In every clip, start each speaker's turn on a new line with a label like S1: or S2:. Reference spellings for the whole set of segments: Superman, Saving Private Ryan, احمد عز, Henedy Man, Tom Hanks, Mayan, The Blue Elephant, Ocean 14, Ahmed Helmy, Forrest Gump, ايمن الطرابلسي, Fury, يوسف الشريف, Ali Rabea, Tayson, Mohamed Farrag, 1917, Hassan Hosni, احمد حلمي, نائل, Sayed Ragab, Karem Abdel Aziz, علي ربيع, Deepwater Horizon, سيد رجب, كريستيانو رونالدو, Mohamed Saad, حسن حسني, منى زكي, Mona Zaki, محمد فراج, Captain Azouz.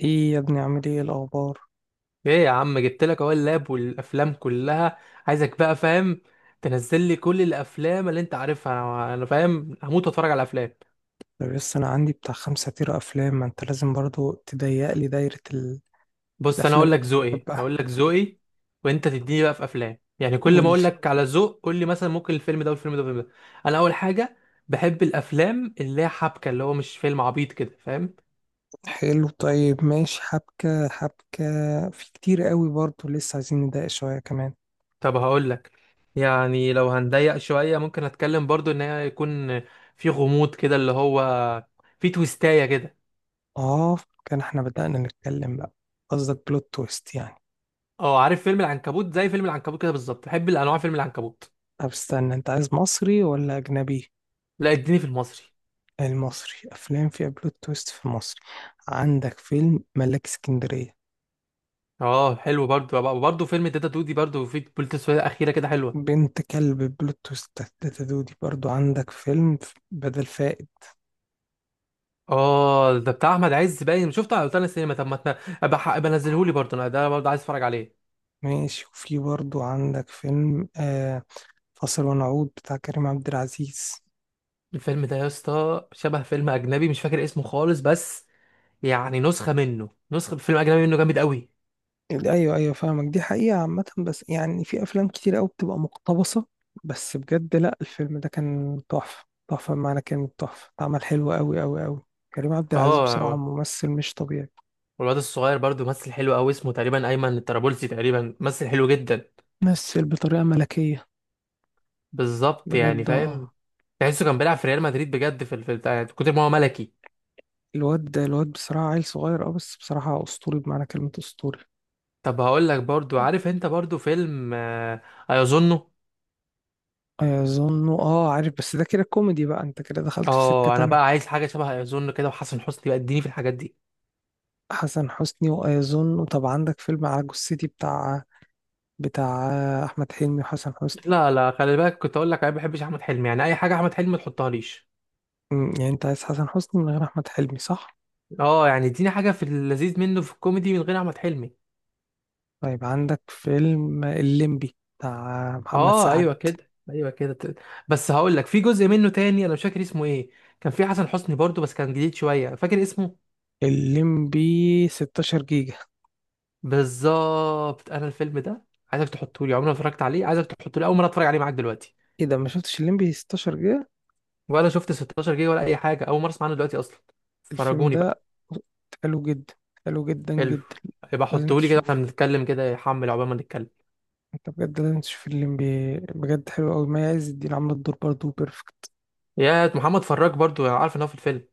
S1: ايه يا ابني، عامل ايه الاخبار؟
S2: ايه يا عم، جبت لك اهو اللاب والافلام كلها. عايزك بقى فاهم تنزل لي كل الافلام اللي انت عارفها. انا فاهم هموت واتفرج على افلام.
S1: طب بس انا عندي بتاع 5 تيرة افلام، ما انت لازم برضو تضيق لي دايرة.
S2: بص انا
S1: الافلام
S2: هقول
S1: اللي
S2: لك ذوقي
S1: بحبها
S2: هقول لك ذوقي، وانت تديني بقى في افلام. يعني كل
S1: قول
S2: ما
S1: لي.
S2: اقول لك على ذوق قول لي مثلا ممكن الفيلم ده والفيلم ده والفيلم ده. انا اول حاجه بحب الافلام اللي هي حبكه، اللي هو مش فيلم عبيط كده، فاهم؟
S1: حلو، طيب، ماشي. حبكة حبكة، في كتير قوي برضو لسه عايزين نضايق شوية كمان.
S2: طب هقول لك، يعني لو هنضيق شويه ممكن اتكلم برضو ان هي يكون في غموض كده، اللي هو في تويستايه كده.
S1: اه، كان احنا بدأنا نتكلم بقى. قصدك بلوت تويست يعني؟
S2: اه عارف فيلم العنكبوت؟ زي فيلم العنكبوت كده بالظبط بحب الانواع. فيلم العنكبوت
S1: طب استنى، انت عايز مصري ولا اجنبي؟
S2: لا اديني في المصري.
S1: المصري افلام فيها بلوت تويست في مصر، عندك فيلم ملاك اسكندرية،
S2: اه حلو، برضو فيلم داتا تو دي، برضو في بوليت سويه اخيره كده حلوه.
S1: بنت كلب بلوت تويست، تاتا دودي. برضو عندك فيلم بدل فائد.
S2: اه ده بتاع احمد عز، باين شفته على روتانا السينما. طب ما تنا- ابقى نزلهولي برضو، انا ده برضو عايز اتفرج عليه.
S1: ماشي، وفي برضو عندك فيلم فاصل ونعود بتاع كريم عبد العزيز.
S2: الفيلم ده يا اسطى شبه فيلم اجنبي مش فاكر اسمه خالص، بس يعني نسخه منه، نسخه فيلم اجنبي منه جامد قوي.
S1: ايوه ايوه، فاهمك. دي حقيقة عامة بس يعني في افلام كتير قوي بتبقى مقتبسة، بس بجد لا، الفيلم ده كان تحفة تحفة بمعنى كلمة تحفة، اتعمل حلو قوي قوي قوي. كريم عبد العزيز بصراحة
S2: اه،
S1: ممثل مش طبيعي.
S2: والواد الصغير برضو ممثل حلو قوي، اسمه تقريبا ايمن الطرابلسي تقريبا، ممثل حلو جدا.
S1: ممثل بطريقة ملكية،
S2: بالظبط، يعني
S1: بجد.
S2: فاهم.
S1: اه،
S2: تحسه كان بيلعب في ريال مدريد بجد، في بتاع كتر ما هو ملكي.
S1: الواد ده الواد بصراحة عيل صغير، اه بس بصراحة أسطوري بمعنى كلمة أسطوري.
S2: طب هقول لك برضو، عارف انت برضو فيلم ايظنه؟
S1: ايظن، اه عارف، بس ده كده كوميدي بقى، انت كده دخلت في سكة
S2: اه انا
S1: تانية.
S2: بقى عايز حاجه شبه ايظنه كده، وحسن حسني بقى اديني في الحاجات دي.
S1: حسن حسني وايظن؟ طب عندك فيلم على جثتي بتاع احمد حلمي وحسن حسني.
S2: لا لا، خلي بالك كنت اقول لك انا ما بحبش احمد حلمي، يعني اي حاجه احمد حلمي ما تحطهاليش.
S1: يعني انت عايز حسن حسني من غير احمد حلمي، صح؟
S2: اه يعني اديني حاجه في اللذيذ منه في الكوميدي من غير احمد حلمي.
S1: طيب عندك فيلم الليمبي بتاع محمد
S2: اه
S1: سعد،
S2: ايوه كده، ايوه بس هقول لك في جزء منه تاني انا مش فاكر اسمه ايه، كان في حسن حسني برضو بس كان جديد شويه، فاكر اسمه.
S1: الليمبي 16 جيجا.
S2: بالظبط، انا الفيلم ده عايزك تحطه لي، عمري ما اتفرجت عليه. عايزك تحطه لي اول مره اتفرج عليه معاك دلوقتي.
S1: ايه ده، ما شفتش الليمبي 16 جيجا؟
S2: ولا شفت 16 جيجا ولا اي حاجه، اول مره اسمع عنه دلوقتي اصلا.
S1: الفيلم
S2: فرجوني بقى.
S1: ده حلو جدا، حلو جدا
S2: حلو،
S1: جدا.
S2: يبقى
S1: لازم
S2: حطه لي كده واحنا
S1: تشوفه.
S2: بنتكلم كده، يحمل عقبال ما نتكلم.
S1: انت بجد لازم تشوف الام بي اي، بجد حلو قوي. ما عز الدين عامله الدور برضه بيرفكت.
S2: يا محمد فراج، برضو انا عارف ان هو في الفيلم،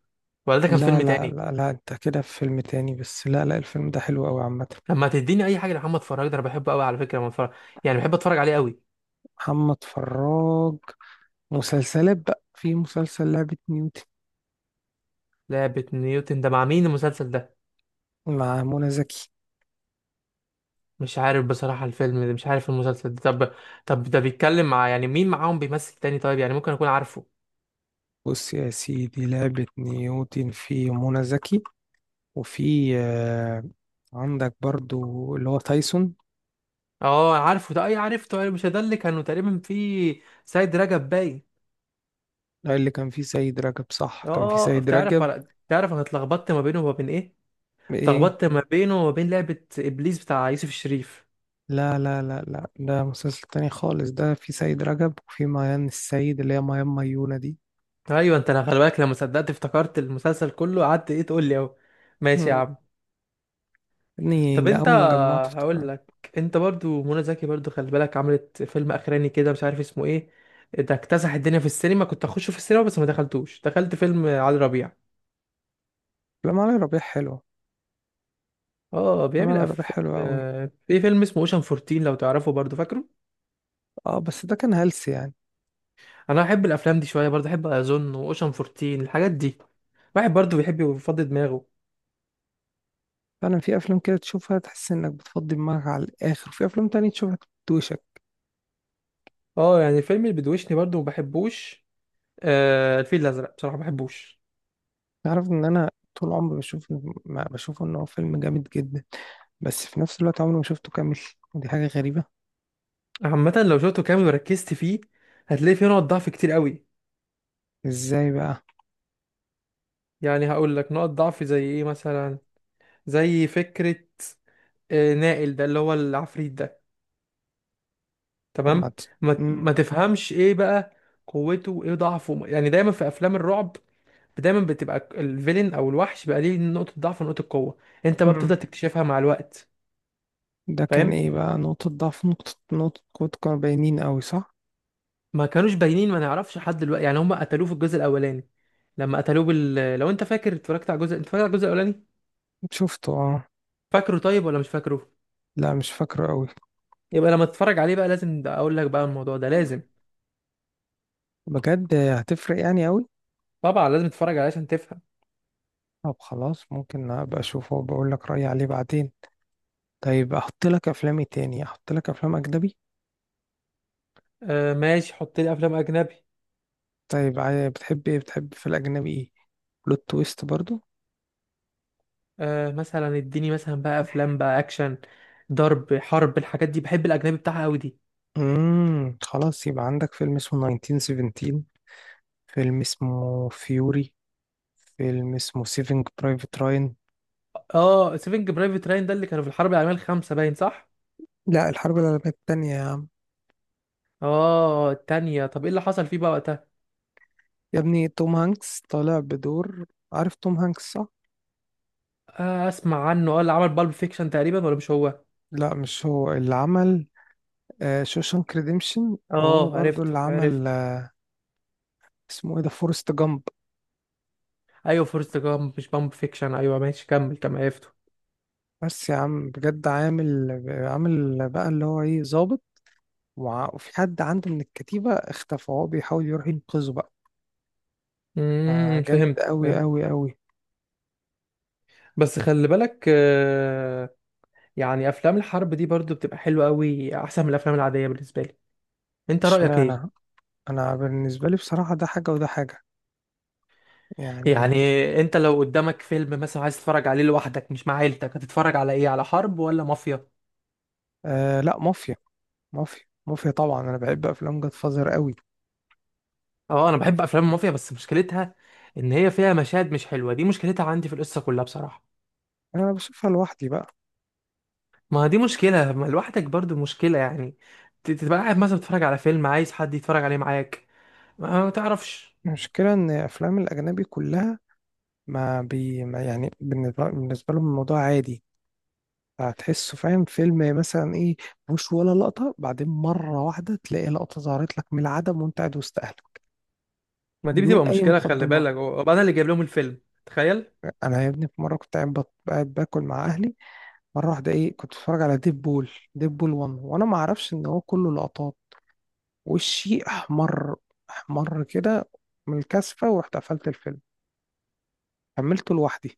S2: ولا ده كان
S1: لا
S2: فيلم
S1: لا
S2: تاني؟
S1: لا لا، انت كده في فيلم تاني، بس لا لا، الفيلم ده حلو قوي عامه.
S2: لما تديني اي حاجه لمحمد فراج ده انا بحبه قوي على فكره، لما اتفرج يعني بحب اتفرج عليه قوي.
S1: محمد فراج، مسلسلات بقى، في مسلسل لعبة نيوتن
S2: لعبه نيوتن ده مع مين المسلسل ده؟
S1: مع منى زكي.
S2: مش عارف بصراحه الفيلم ده، مش عارف المسلسل ده. طب، طب ده بيتكلم مع، يعني مين معاهم بيمثل تاني؟ طيب يعني ممكن اكون عارفه.
S1: بص يا سيدي، لعبة نيوتن في منى زكي، وفي عندك برضو اللي هو تايسون.
S2: اه عارفه ده، اي عرفته، اي مش ده اللي كانوا تقريبا في سيد رجب باين؟
S1: ده اللي كان فيه سيد رجب، صح؟ كان فيه
S2: اه،
S1: سيد
S2: بتعرف
S1: رجب،
S2: على بتعرف انا اتلخبطت ما بينه وما بين ايه.
S1: ايه.
S2: اتلخبطت ما بينه وما بين لعبة ابليس بتاع يوسف الشريف.
S1: لا لا لا لا، ده مسلسل تاني خالص، ده في سيد رجب وفي ميان السيد اللي هي ميان ميونة دي.
S2: ايوه انت، انا خلي بالك لما صدقت افتكرت المسلسل كله، قعدت ايه تقول لي اهو. ماشي يا
S1: مم.
S2: عم.
S1: يعني
S2: طب انت،
S1: أول ما جمعت
S2: هقول
S1: افتكرت.
S2: لك، انت برضو منى زكي برضو خلي بالك عملت فيلم اخراني كده مش عارف اسمه ايه، ده اكتسح الدنيا في السينما، كنت اخشه في السينما بس ما دخلتوش، دخلت فيلم علي ربيع.
S1: أفلام علي ربيع حلوة.
S2: اه
S1: أفلام علي
S2: بيعمل
S1: ربيع
S2: أف-
S1: حلوة أوي.
S2: في فيلم اسمه اوشن 14 لو تعرفه، برضو فاكره؟
S1: اه بس ده كان هلس يعني.
S2: انا بحب الافلام دي شويه، برضو بحب اظن واوشن 14، الحاجات دي. واحد برضو بيحب يفضي دماغه.
S1: فعلا في أفلام كده تشوفها تحس إنك بتفضي دماغك على الآخر، وفي أفلام تانية تشوفها بتدوشك.
S2: اه يعني الفيلم اللي بيدوشني برضو ما بحبوش. آه الفيل الازرق بصراحه ما بحبوش.
S1: تعرف إن أنا طول عمري بشوف، ما بشوف إن هو فيلم جامد جدا، بس في نفس الوقت عمري ما شفته كامل، ودي حاجة غريبة.
S2: عامه لو شفته كامل وركزت فيه هتلاقي فيه نقط ضعف كتير قوي.
S1: إزاي بقى؟
S2: يعني هقول لك نقط ضعف زي ايه مثلا، زي فكره نائل ده اللي هو العفريت ده.
S1: طب ما
S2: تمام.
S1: ت-
S2: ما ما
S1: مم.
S2: تفهمش ايه بقى قوته وايه ضعفه؟ يعني دايما في افلام الرعب دايما بتبقى الفيلن او الوحش بقى ليه نقطه ضعف ونقطه قوه، انت بقى
S1: مم.
S2: بتفضل تكتشفها مع الوقت،
S1: ده كان
S2: فاهم؟
S1: ايه بقى؟ نقطة ضعف، نقطة قوة، كانوا باينين قوي، صح؟
S2: ما كانوش باينين، ما نعرفش لحد دلوقتي. يعني هم قتلوه في الجزء الاولاني، لما قتلوه لو انت فاكر اتفرجت على الجزء، انت فاكر على الجزء الاولاني؟
S1: شفته، اه.
S2: فاكره طيب ولا مش فاكره؟
S1: لا مش فاكره قوي.
S2: يبقى لما تتفرج عليه بقى لازم اقول لك بقى الموضوع ده. لازم
S1: بجد هتفرق يعني قوي؟
S2: طبعا لازم تتفرج عليه عشان تفهم.
S1: طب خلاص، ممكن ابقى اشوفه وبقول لك رأيي عليه بعدين. طيب، احط لك افلامي تاني، احط لك افلام اجنبي.
S2: آه ماشي حط لي افلام اجنبي.
S1: طيب بتحب ايه، بتحب في الاجنبي ايه؟ بلوت تويست برضو؟
S2: آه مثلا اديني مثلا بقى افلام بقى اكشن، ضرب، حرب، الحاجات دي، بحب الاجنبي بتاعها قوي دي.
S1: خلاص يبقى عندك فيلم اسمه 1917، فيلم اسمه فيوري، فيلم اسمه سيفينج برايفت راين.
S2: اه سيفنج برايفت راين ده اللي كانوا في الحرب العالميه الخامسه باين، صح؟
S1: لا، الحرب العالمية التانية.
S2: اه التانية، طب ايه اللي حصل فيه بقى وقتها؟
S1: يا ابني، توم هانكس طالع بدور. عارف توم هانكس صح؟
S2: آه اسمع عنه، اه اللي عمل بالب فيكشن تقريبا، ولا مش هو؟
S1: لا مش هو اللي عمل شوشانك ريديمشن، وهو
S2: اه
S1: برضو
S2: عرفته
S1: اللي عمل
S2: عرفته.
S1: اسمه ايه ده، فورست جامب.
S2: ايوه فورست جامب مش بالب فيكشن، ايوه ماشي كمل كمل عرفته.
S1: بس يا عم بجد، عامل عامل بقى اللي هو ايه، ظابط. وفي حد عنده من الكتيبة اختفى وهو بيحاول يروح ينقذه بقى. جامد
S2: فهمت
S1: قوي
S2: فهمت.
S1: قوي قوي.
S2: بس خلي بالك آه، يعني افلام الحرب دي برضو بتبقى حلوه قوي احسن من الافلام العاديه بالنسبه لي. انت رايك
S1: اشمعنى؟
S2: ايه؟
S1: انا بالنسبة لي بصراحة ده حاجة وده حاجة،
S2: يعني
S1: يعني.
S2: انت لو قدامك فيلم مثلا عايز تتفرج عليه لوحدك مش مع عيلتك، هتتفرج على ايه، على حرب ولا مافيا؟
S1: آه لا، مافيا. مافيا مافيا، طبعا انا بحب افلام جاد فازر قوي.
S2: اه انا بحب افلام المافيا بس مشكلتها ان هي فيها مشاهد مش حلوه، دي مشكلتها عندي، في القصه كلها بصراحه.
S1: انا بشوفها لوحدي بقى.
S2: ما دي مشكله، ما لوحدك برضو مشكله يعني. تبقى قاعد مثلا بتتفرج على فيلم عايز حد يتفرج عليه معاك، ما تعرفش.
S1: المشكلة إن أفلام الأجنبي كلها، ما بي ما يعني، بالنسبة لهم الموضوع عادي. هتحسه، فاهم، فيلم مثلا إيه، مش ولا لقطة، بعدين مرة واحدة تلاقي لقطة ظهرت لك من العدم وأنت قاعد وسط أهلك،
S2: ما دي
S1: بدون
S2: بتبقى
S1: أي
S2: مشكله خلي
S1: مقدمات.
S2: بالك، وبعدين انا اللي جايب لهم الفيلم، تخيل.
S1: أنا يا ابني في مرة كنت قاعد باكل مع أهلي، مرة واحدة إيه، كنت بتفرج على ديب بول، ديب بول 1، وأنا ما أعرفش إن هو كله لقطات. وشي أحمر، أحمر كده من الكثفة، ورحت قفلت الفيلم، كملته لوحدي.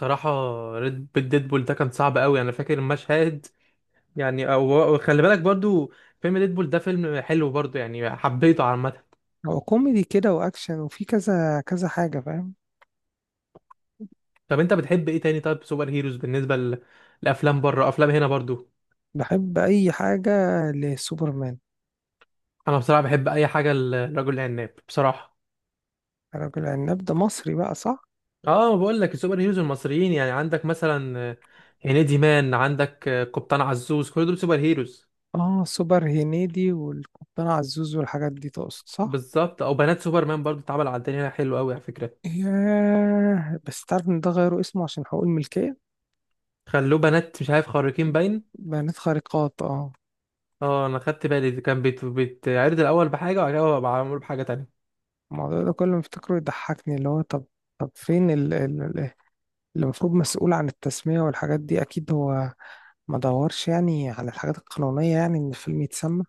S2: صراحه ريد بول، ديدبول ده كان صعب قوي انا فاكر المشهد. يعني وخلي بالك برضو فيلم ديدبول ده فيلم حلو برضو يعني، حبيته عامة.
S1: هو كوميدي كده واكشن، وفي كذا كذا حاجه، فاهم.
S2: طب انت بتحب ايه تاني؟ طيب سوبر هيروز بالنسبة لأفلام بره، أفلام هنا برضو؟
S1: بحب اي حاجه لسوبرمان.
S2: انا بصراحة بحب اي حاجة للرجل العناب بصراحة.
S1: رجل عناب ده مصري بقى، صح؟
S2: اه بقول لك السوبر هيروز المصريين، يعني عندك مثلا هنيدي مان، عندك قبطان عزوز، كل دول سوبر هيروز.
S1: اه، سوبر هنيدي والقبطان عزوز والحاجات دي تقصد، صح؟
S2: بالظبط، او بنات سوبرمان برضو اتعمل على الدنيا حلو قوي على فكرة.
S1: ياه، بس تعرف ان ده غيروا اسمه عشان حقوق الملكيه؟
S2: خلوه بنات مش عارف خارقين باين.
S1: بيانات خارقات، اه.
S2: اه انا خدت بالي، كان بيتعرض الاول بحاجة وبعد كده بقى معمول بحاجة تانية.
S1: الموضوع ده كل ما افتكره يضحكني، اللي هو طب، طب فين اللي المفروض مسؤول عن التسميه والحاجات دي؟ اكيد هو ما دورش يعني على الحاجات القانونيه، يعني ان الفيلم يتسمى.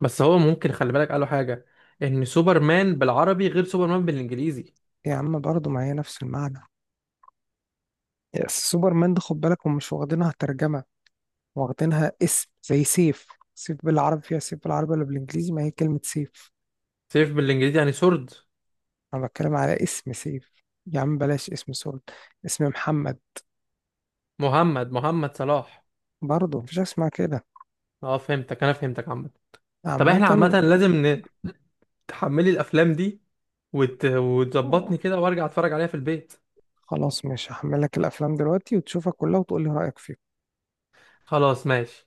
S2: بس هو ممكن خلي بالك قالوا حاجة، ان سوبرمان بالعربي غير سوبرمان بالانجليزي.
S1: يا عم برضه، ما هي نفس المعنى. سوبرمان ده خد بالك، هم مش واخدينها ترجمة، واخدينها اسم، زي سيف. سيف بالعربي فيها، سيف بالعربي ولا بالانجليزي؟ ما هي كلمة سيف.
S2: سيف بالانجليزي يعني سورد.
S1: انا بتكلم على اسم سيف. يا عم بلاش، اسم سول، اسم محمد.
S2: محمد صلاح.
S1: برضه مفيش حاجة اسمها كده.
S2: اه فهمتك، انا فهمتك عامة. طب
S1: عامة.
S2: احنا عامة لازم تحملي الافلام دي، وتظبطني كده وارجع اتفرج عليها في البيت.
S1: خلاص، مش هحملك الافلام دلوقتي وتشوفها كلها وتقولي رأيك فيها.
S2: خلاص ماشي.